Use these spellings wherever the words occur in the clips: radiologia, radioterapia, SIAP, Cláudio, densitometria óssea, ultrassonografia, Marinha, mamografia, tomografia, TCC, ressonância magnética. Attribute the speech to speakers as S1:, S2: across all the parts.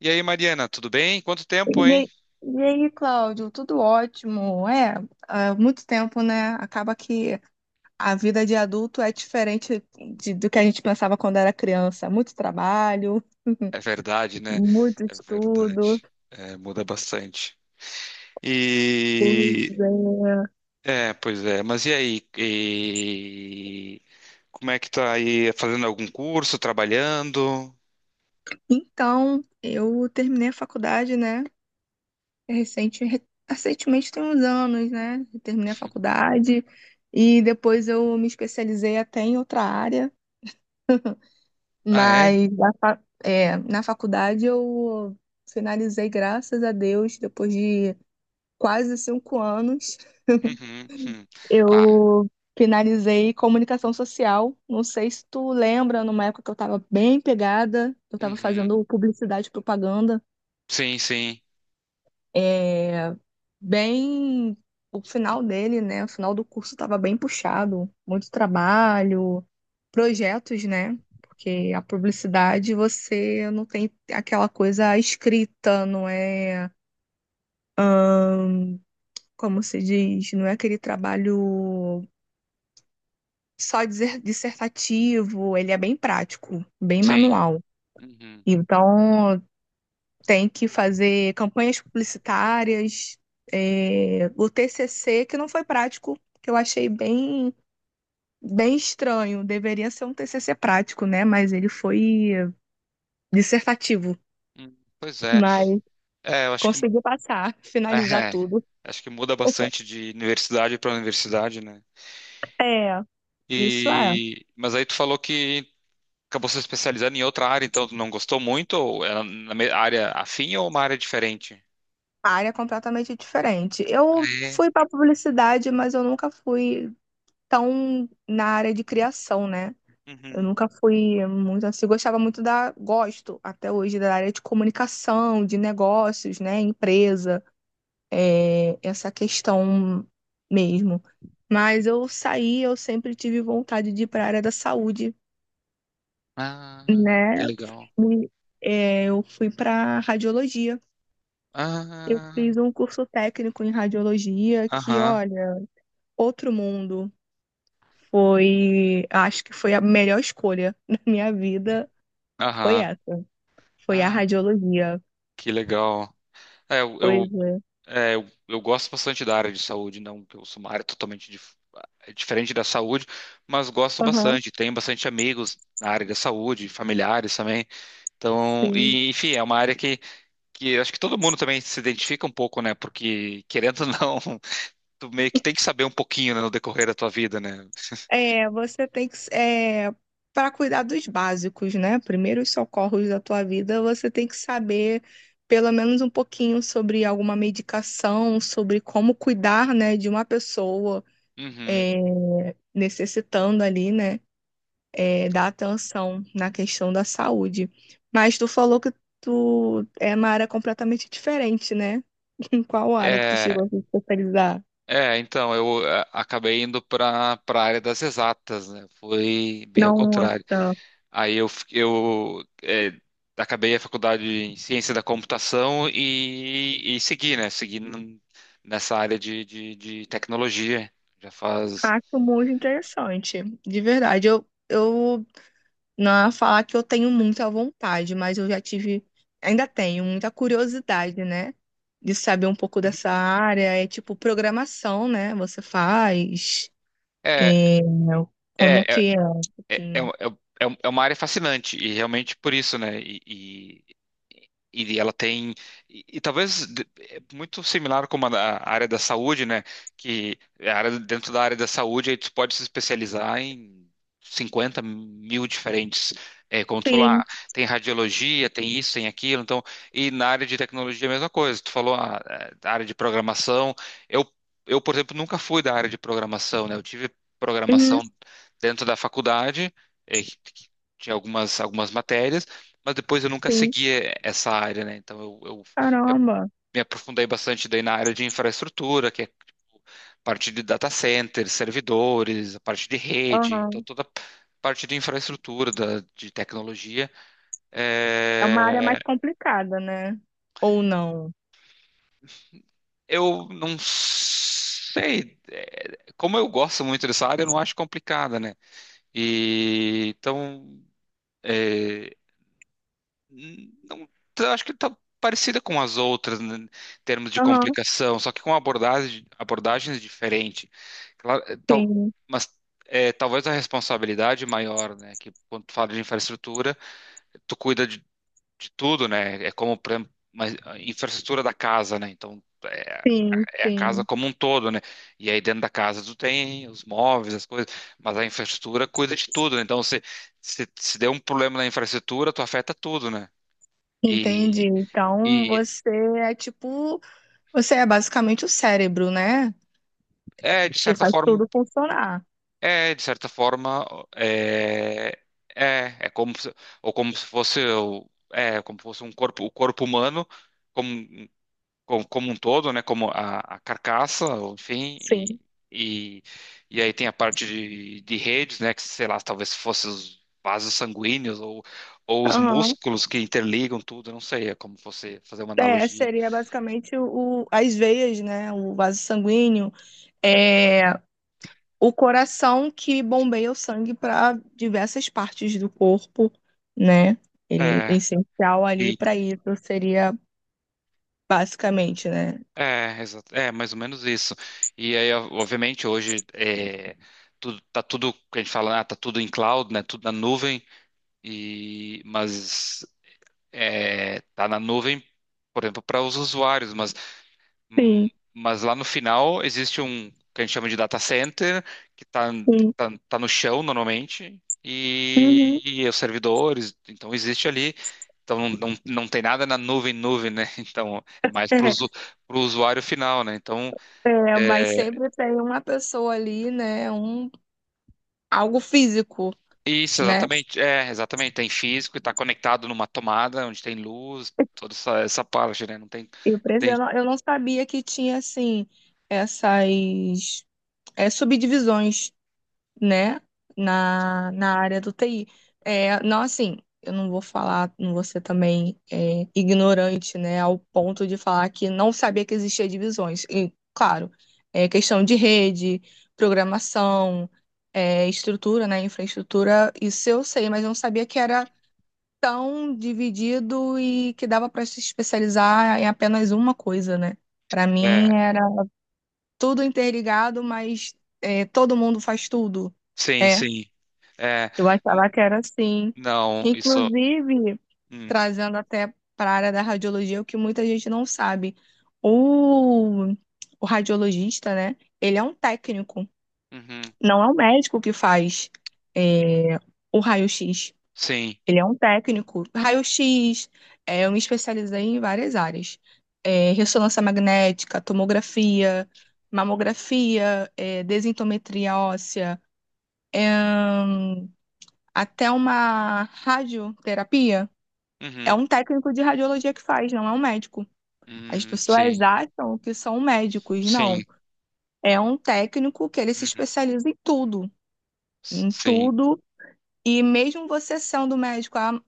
S1: E aí, Mariana, tudo bem? Quanto tempo,
S2: E
S1: hein?
S2: aí, e aí, Cláudio, tudo ótimo. É, há muito tempo, né? Acaba que a vida de adulto é diferente do que a gente pensava quando era criança. Muito trabalho,
S1: É verdade, né?
S2: muito
S1: É
S2: estudo.
S1: verdade. É, muda bastante. E
S2: Pois é.
S1: é, pois é. Mas e aí? Como é que tá aí? Fazendo algum curso? Trabalhando?
S2: Então, eu terminei a faculdade, né? Recente, re- recentemente tem uns anos, né? Eu terminei a faculdade e depois eu me especializei até em outra área.
S1: Ah, é?
S2: Mas na faculdade eu finalizei, graças a Deus, depois de quase 5 anos,
S1: Uhum, uhum. Ah,
S2: eu finalizei comunicação social. Não sei se tu lembra, numa época que eu estava bem pegada, eu estava
S1: uhum.
S2: fazendo publicidade e propaganda.
S1: Sim, sim,
S2: É, bem. O final dele, né? O final do curso estava bem puxado. Muito trabalho, projetos, né? Porque a publicidade você não tem aquela coisa escrita, não é. Como se diz? Não é aquele trabalho dissertativo, ele é bem prático, bem
S1: sim.
S2: manual.
S1: Uhum.
S2: Então, tem que fazer campanhas publicitárias, é, o TCC, que não foi prático, que eu achei bem. Bem estranho. Deveria ser um TCC prático, né? Mas ele foi dissertativo.
S1: Pois é.
S2: Mas
S1: É, eu acho que
S2: consegui passar, finalizar
S1: é,
S2: tudo.
S1: acho que muda bastante de universidade para universidade, né?
S2: É, isso é.
S1: E mas aí tu falou que acabou se especializando em outra área, então tu não gostou muito? Ou é na área afim ou uma área diferente?
S2: A área é completamente diferente.
S1: Ah,
S2: Eu
S1: é?
S2: fui para publicidade, mas eu nunca fui tão na área de criação, né? Eu
S1: Uhum.
S2: nunca fui muito assim, gostava muito da, gosto até hoje da área de comunicação, de negócios, né, empresa. Essa questão mesmo. Mas eu saí, eu sempre tive vontade de ir para a área da saúde,
S1: Ah, que
S2: né?
S1: legal.
S2: Fui- eu fui para radiologia. Eu
S1: Ah,
S2: fiz um curso técnico em radiologia que,
S1: aham,
S2: olha, outro mundo. Foi, acho que foi a melhor escolha da minha vida, foi
S1: aham.
S2: essa. Foi a
S1: Ah,
S2: radiologia.
S1: que legal. É, eu,
S2: Pois
S1: eu,
S2: é.
S1: eu gosto bastante da área de saúde, não que eu sou uma área totalmente diferente da saúde, mas gosto
S2: Aham.
S1: bastante. Tenho bastante amigos na área da saúde, familiares também. Então,
S2: Sim.
S1: enfim, é uma área que acho que todo mundo também se identifica um pouco, né? Porque, querendo ou não, tu meio que tem que saber um pouquinho, né, no decorrer da tua vida, né?
S2: É, você tem que, para cuidar dos básicos, né? Primeiros socorros da tua vida, você tem que saber pelo menos um pouquinho sobre alguma medicação, sobre como cuidar, né, de uma pessoa
S1: Uhum.
S2: é, necessitando ali, né, da atenção na questão da saúde. Mas tu falou que tu é uma área completamente diferente, né? Em qual área que tu
S1: É,
S2: chegou a se especializar?
S1: então, eu acabei indo para a área das exatas, né? Foi bem ao contrário.
S2: Nossa.
S1: Aí eu acabei a faculdade em ciência da computação e segui, né? Segui nessa área de tecnologia. Já faz.
S2: Acho muito interessante, de verdade. Eu não ia falar que eu tenho muita vontade, mas eu já tive, ainda tenho muita curiosidade, né? De saber um pouco dessa área. É tipo programação, né? Você faz,
S1: É,
S2: é, como
S1: é, é,
S2: que é um
S1: é, é,
S2: pouquinho.
S1: um- é um- é uma área fascinante e realmente por isso, né? E ela tem, e talvez muito similar como a área da saúde, né? Que é a área, dentro da área da saúde, aí tu pode se especializar em 50 mil diferentes. É, como tu falou, ah,
S2: Sim,
S1: tem radiologia, tem isso, tem aquilo. Então, e na área de tecnologia é a mesma coisa. Tu falou a área de programação. Eu, eu, por exemplo, nunca fui da área de programação, né? Eu tive
S2: uhum,
S1: programação dentro da faculdade, que tinha algumas matérias mas depois eu nunca
S2: sim.
S1: segui essa área, né? Então eu me
S2: Caramba.
S1: me aprofundei bastante daí na área de infraestrutura, que é tipo, parte de data centers, servidores, a parte de rede, então
S2: Aham.
S1: toda a parte de infraestrutura, de tecnologia.
S2: É uma área
S1: É,
S2: mais complicada, né? Ou não?
S1: eu não sei, como eu gosto muito dessa área, eu não acho complicada, né? E então, eh, não, eu acho que está parecida com as outras, né, em termos de
S2: Aham,
S1: complicação, só que com abordagens diferentes. Claro, é, tal,
S2: sim,
S1: mas talvez a responsabilidade maior, né? Que quando tu fala de infraestrutura, tu cuida de tudo, né? É como, por exemplo, uma infraestrutura da casa, né? Então,
S2: sim,
S1: é a casa
S2: sim.
S1: como um todo, né? E aí dentro da casa tu tem os móveis, as coisas, mas a infraestrutura cuida de tudo, né? Então, se der um problema na infraestrutura, tu afeta tudo, né?
S2: Entendi.
S1: E,
S2: Então
S1: e
S2: você é tipo. Você é basicamente o cérebro, né?
S1: é, de
S2: Que
S1: certa
S2: faz
S1: forma,
S2: tudo funcionar.
S1: de certa forma, é, é como se, ou como se fosse, o- é, como se fosse um corpo, o corpo humano como, como um todo, né, como a carcaça, ou enfim,
S2: Sim.
S1: e, e aí tem a parte de redes, né, que sei lá, talvez fosse os vasos sanguíneos ou os
S2: Aham.
S1: músculos que interligam tudo, eu não sei, é como você fazer uma
S2: É,
S1: analogia.
S2: seria basicamente as veias, né? O vaso sanguíneo, é o coração que bombeia o sangue para diversas partes do corpo, né? Ele é
S1: É,
S2: essencial ali para isso, seria basicamente, né?
S1: É, exato. É, mais ou menos isso. E aí, ó, obviamente, hoje tá tudo, que a gente fala, ah, tá tudo em cloud, né? Tudo na nuvem, mas tá na nuvem, por exemplo, para os usuários, hum,
S2: Sim,
S1: mas lá no final existe um que a gente chama de data center, que tá,
S2: sim.
S1: tá, tá no chão normalmente, e,
S2: Uhum.
S1: e os servidores, então existe ali. Então não, não, não tem nada na nuvem, nuvem, né? Então é mais para
S2: É,
S1: o usuário final, né? Então.
S2: é,
S1: é,
S2: mas sempre tem uma pessoa ali, né? Um, algo físico,
S1: Isso,
S2: né?
S1: exatamente. É, exatamente. Tem físico e está conectado numa tomada onde tem luz, toda essa parte, né? Não tem,
S2: E o preço,
S1: tem.
S2: eu não sabia que tinha, assim, essas subdivisões, né, na, na área do TI. É, não, assim, eu não vou falar, não vou ser também ignorante, né, ao ponto de falar que não sabia que existia divisões. E, claro, é questão de rede, programação, estrutura, né, infraestrutura, isso eu sei, mas eu não sabia que era tão dividido e que dava para se especializar em apenas uma coisa, né? Para mim
S1: É,
S2: era tudo interligado, mas é, todo mundo faz tudo.
S1: sim,
S2: É,
S1: sim. É,
S2: eu
S1: n-
S2: achava que era assim.
S1: não, isso.
S2: Inclusive,
S1: Hum,
S2: trazendo até para a área da radiologia, o que muita gente não sabe, o, o radiologista, né? Ele é um técnico,
S1: uhum,
S2: não é o médico que faz é, o raio-x.
S1: sim.
S2: Ele é um técnico. Raio-X, eu me especializei em várias áreas. É, ressonância magnética, tomografia, mamografia, desintometria óssea, é, hum, até uma radioterapia. É
S1: Uhum,
S2: um técnico de radiologia que faz, não é um médico. As
S1: uhum,
S2: pessoas
S1: sim.
S2: acham que são médicos,
S1: Sim.
S2: não. É um técnico que ele se
S1: Uhum,
S2: especializa em tudo, em
S1: sim.
S2: tudo. E mesmo você sendo médico, ah,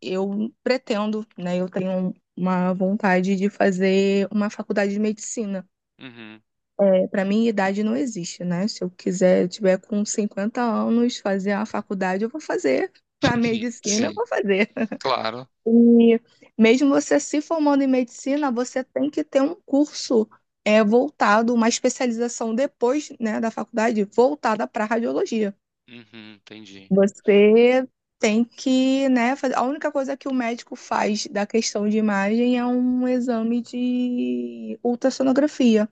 S2: eu pretendo, né? Eu tenho uma vontade de fazer uma faculdade de medicina.
S1: Uhum,
S2: É, para mim, idade não existe, né? Se eu quiser, eu tiver com 50 anos, fazer a faculdade, eu vou fazer. A medicina, eu
S1: sim.
S2: vou fazer.
S1: Claro.
S2: E mesmo você se formando em medicina, você tem que ter um curso uma especialização depois, né, da faculdade, voltada para radiologia.
S1: Uhum, entendi,
S2: Você tem que, né, fazer. A única coisa que o médico faz da questão de imagem é um exame de ultrassonografia.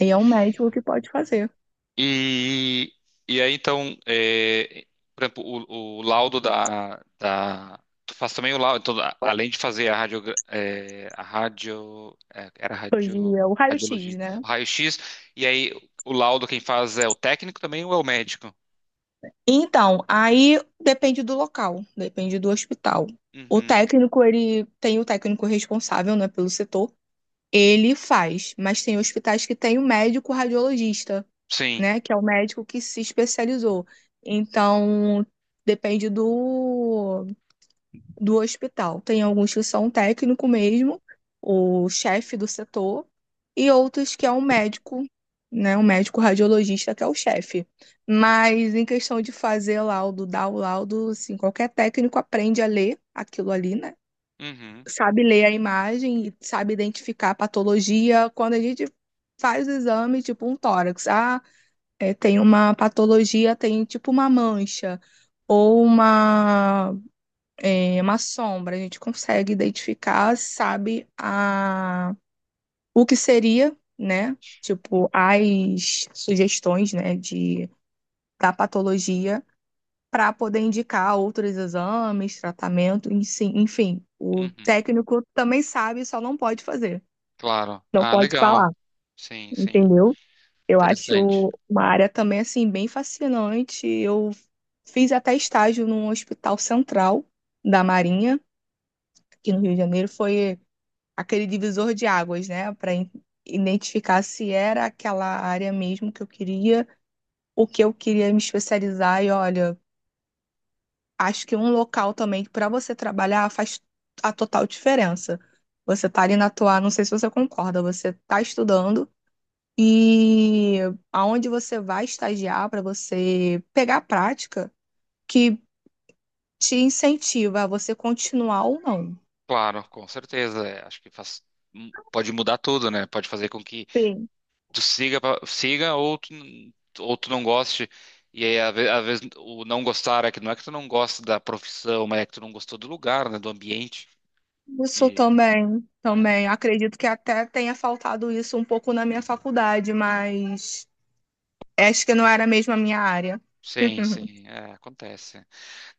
S2: E é um médico que pode fazer.
S1: E, e aí, então, por exemplo, o laudo da. Tu faz também o laudo. Então, além de fazer a radio, é, era
S2: Hoje
S1: radio,
S2: é o raio-x,
S1: radiologia,
S2: né?
S1: o raio-x, e aí o laudo quem faz é o técnico também ou é o médico?
S2: Então, aí depende do local, depende do hospital. O
S1: Uhum.
S2: técnico, ele tem o técnico responsável, né, pelo setor. Ele faz, mas tem hospitais que tem o médico radiologista,
S1: Sim.
S2: né, que é o médico que se especializou. Então, depende do do hospital. Tem alguns que são técnico mesmo, o chefe do setor, e outros que é um médico, né, um médico radiologista que é o chefe. Mas em questão de fazer laudo, dar o laudo, assim, qualquer técnico aprende a ler aquilo ali, né?
S1: Uhum.
S2: Sabe ler a imagem e sabe identificar a patologia. Quando a gente faz o exame, tipo um tórax, tem uma patologia, tem tipo uma mancha ou uma sombra, a gente consegue identificar, sabe a, o que seria, né? Tipo, as sugestões, né, de, da patologia para poder indicar outros exames, tratamento, enfim, o
S1: Uhum.
S2: técnico também sabe, só não pode fazer,
S1: Claro.
S2: não
S1: Ah,
S2: pode
S1: legal.
S2: falar,
S1: Sim, sim.
S2: entendeu? Eu
S1: Interessante.
S2: acho uma área também, assim, bem fascinante. Eu fiz até estágio num hospital central da Marinha, aqui no Rio de Janeiro. Foi aquele divisor de águas, né, para identificar se era aquela área mesmo que eu queria, o que eu queria me especializar e olha, acho que um local também para você trabalhar faz a total diferença. Você tá ali na tua, não sei se você concorda, você tá estudando e aonde você vai estagiar para você pegar a prática que te incentiva a você continuar ou não.
S1: Claro, com certeza. Acho que faz, pode mudar tudo, né? Pode fazer com que tu siga ou tu não goste. E aí, às vezes, o não gostar é que não é que tu não gosta da profissão, mas é que tu não gostou do lugar, né, do ambiente.
S2: Isso
S1: E,
S2: também,
S1: é,
S2: também. Acredito que até tenha faltado isso um pouco na minha faculdade, mas acho que não era mesmo a minha área.
S1: sim, sim, acontece.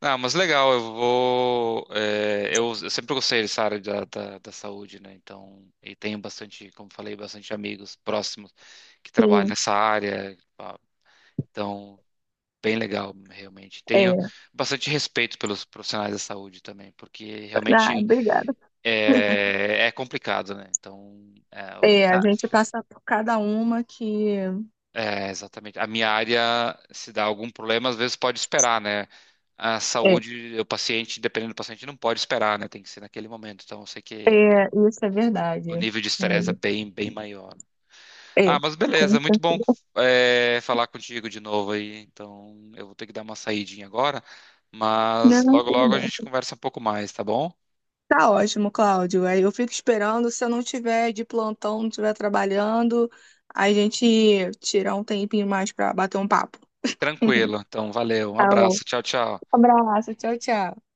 S1: Não, mas legal, eu vou. Eu sempre gostei dessa área da saúde, né? Então, e tenho bastante, como falei, bastante amigos próximos que trabalham
S2: Sim,
S1: nessa área. Pá, então, bem legal, realmente. Tenho
S2: é.
S1: bastante respeito pelos profissionais da saúde também, porque
S2: Ah,
S1: realmente
S2: obrigada.
S1: é complicado, né? Então, é, o-
S2: É, a
S1: Ah,
S2: gente passa por cada uma que.
S1: é, exatamente. A minha área, se dá algum problema, às vezes pode esperar, né? A
S2: É,
S1: saúde, o paciente, dependendo do paciente, não pode esperar, né? Tem que ser naquele momento. Então, eu sei que
S2: é, isso é
S1: o
S2: verdade.
S1: nível de estresse é bem, bem maior.
S2: É, é.
S1: Ah, mas beleza,
S2: Conta.
S1: muito bom, falar contigo de novo aí. Então, eu vou ter que dar uma saidinha agora, mas
S2: Não,
S1: logo,
S2: tudo
S1: logo a gente
S2: bem.
S1: conversa um pouco mais, tá bom?
S2: Tá ótimo, Cláudio. Aí eu fico esperando. Se eu não tiver de plantão, não estiver trabalhando, a gente tira um tempinho mais para bater um papo.
S1: Tranquilo. Então, valeu. Um
S2: Tá.
S1: abraço. Tchau, tchau.
S2: Abraço, tchau, tchau.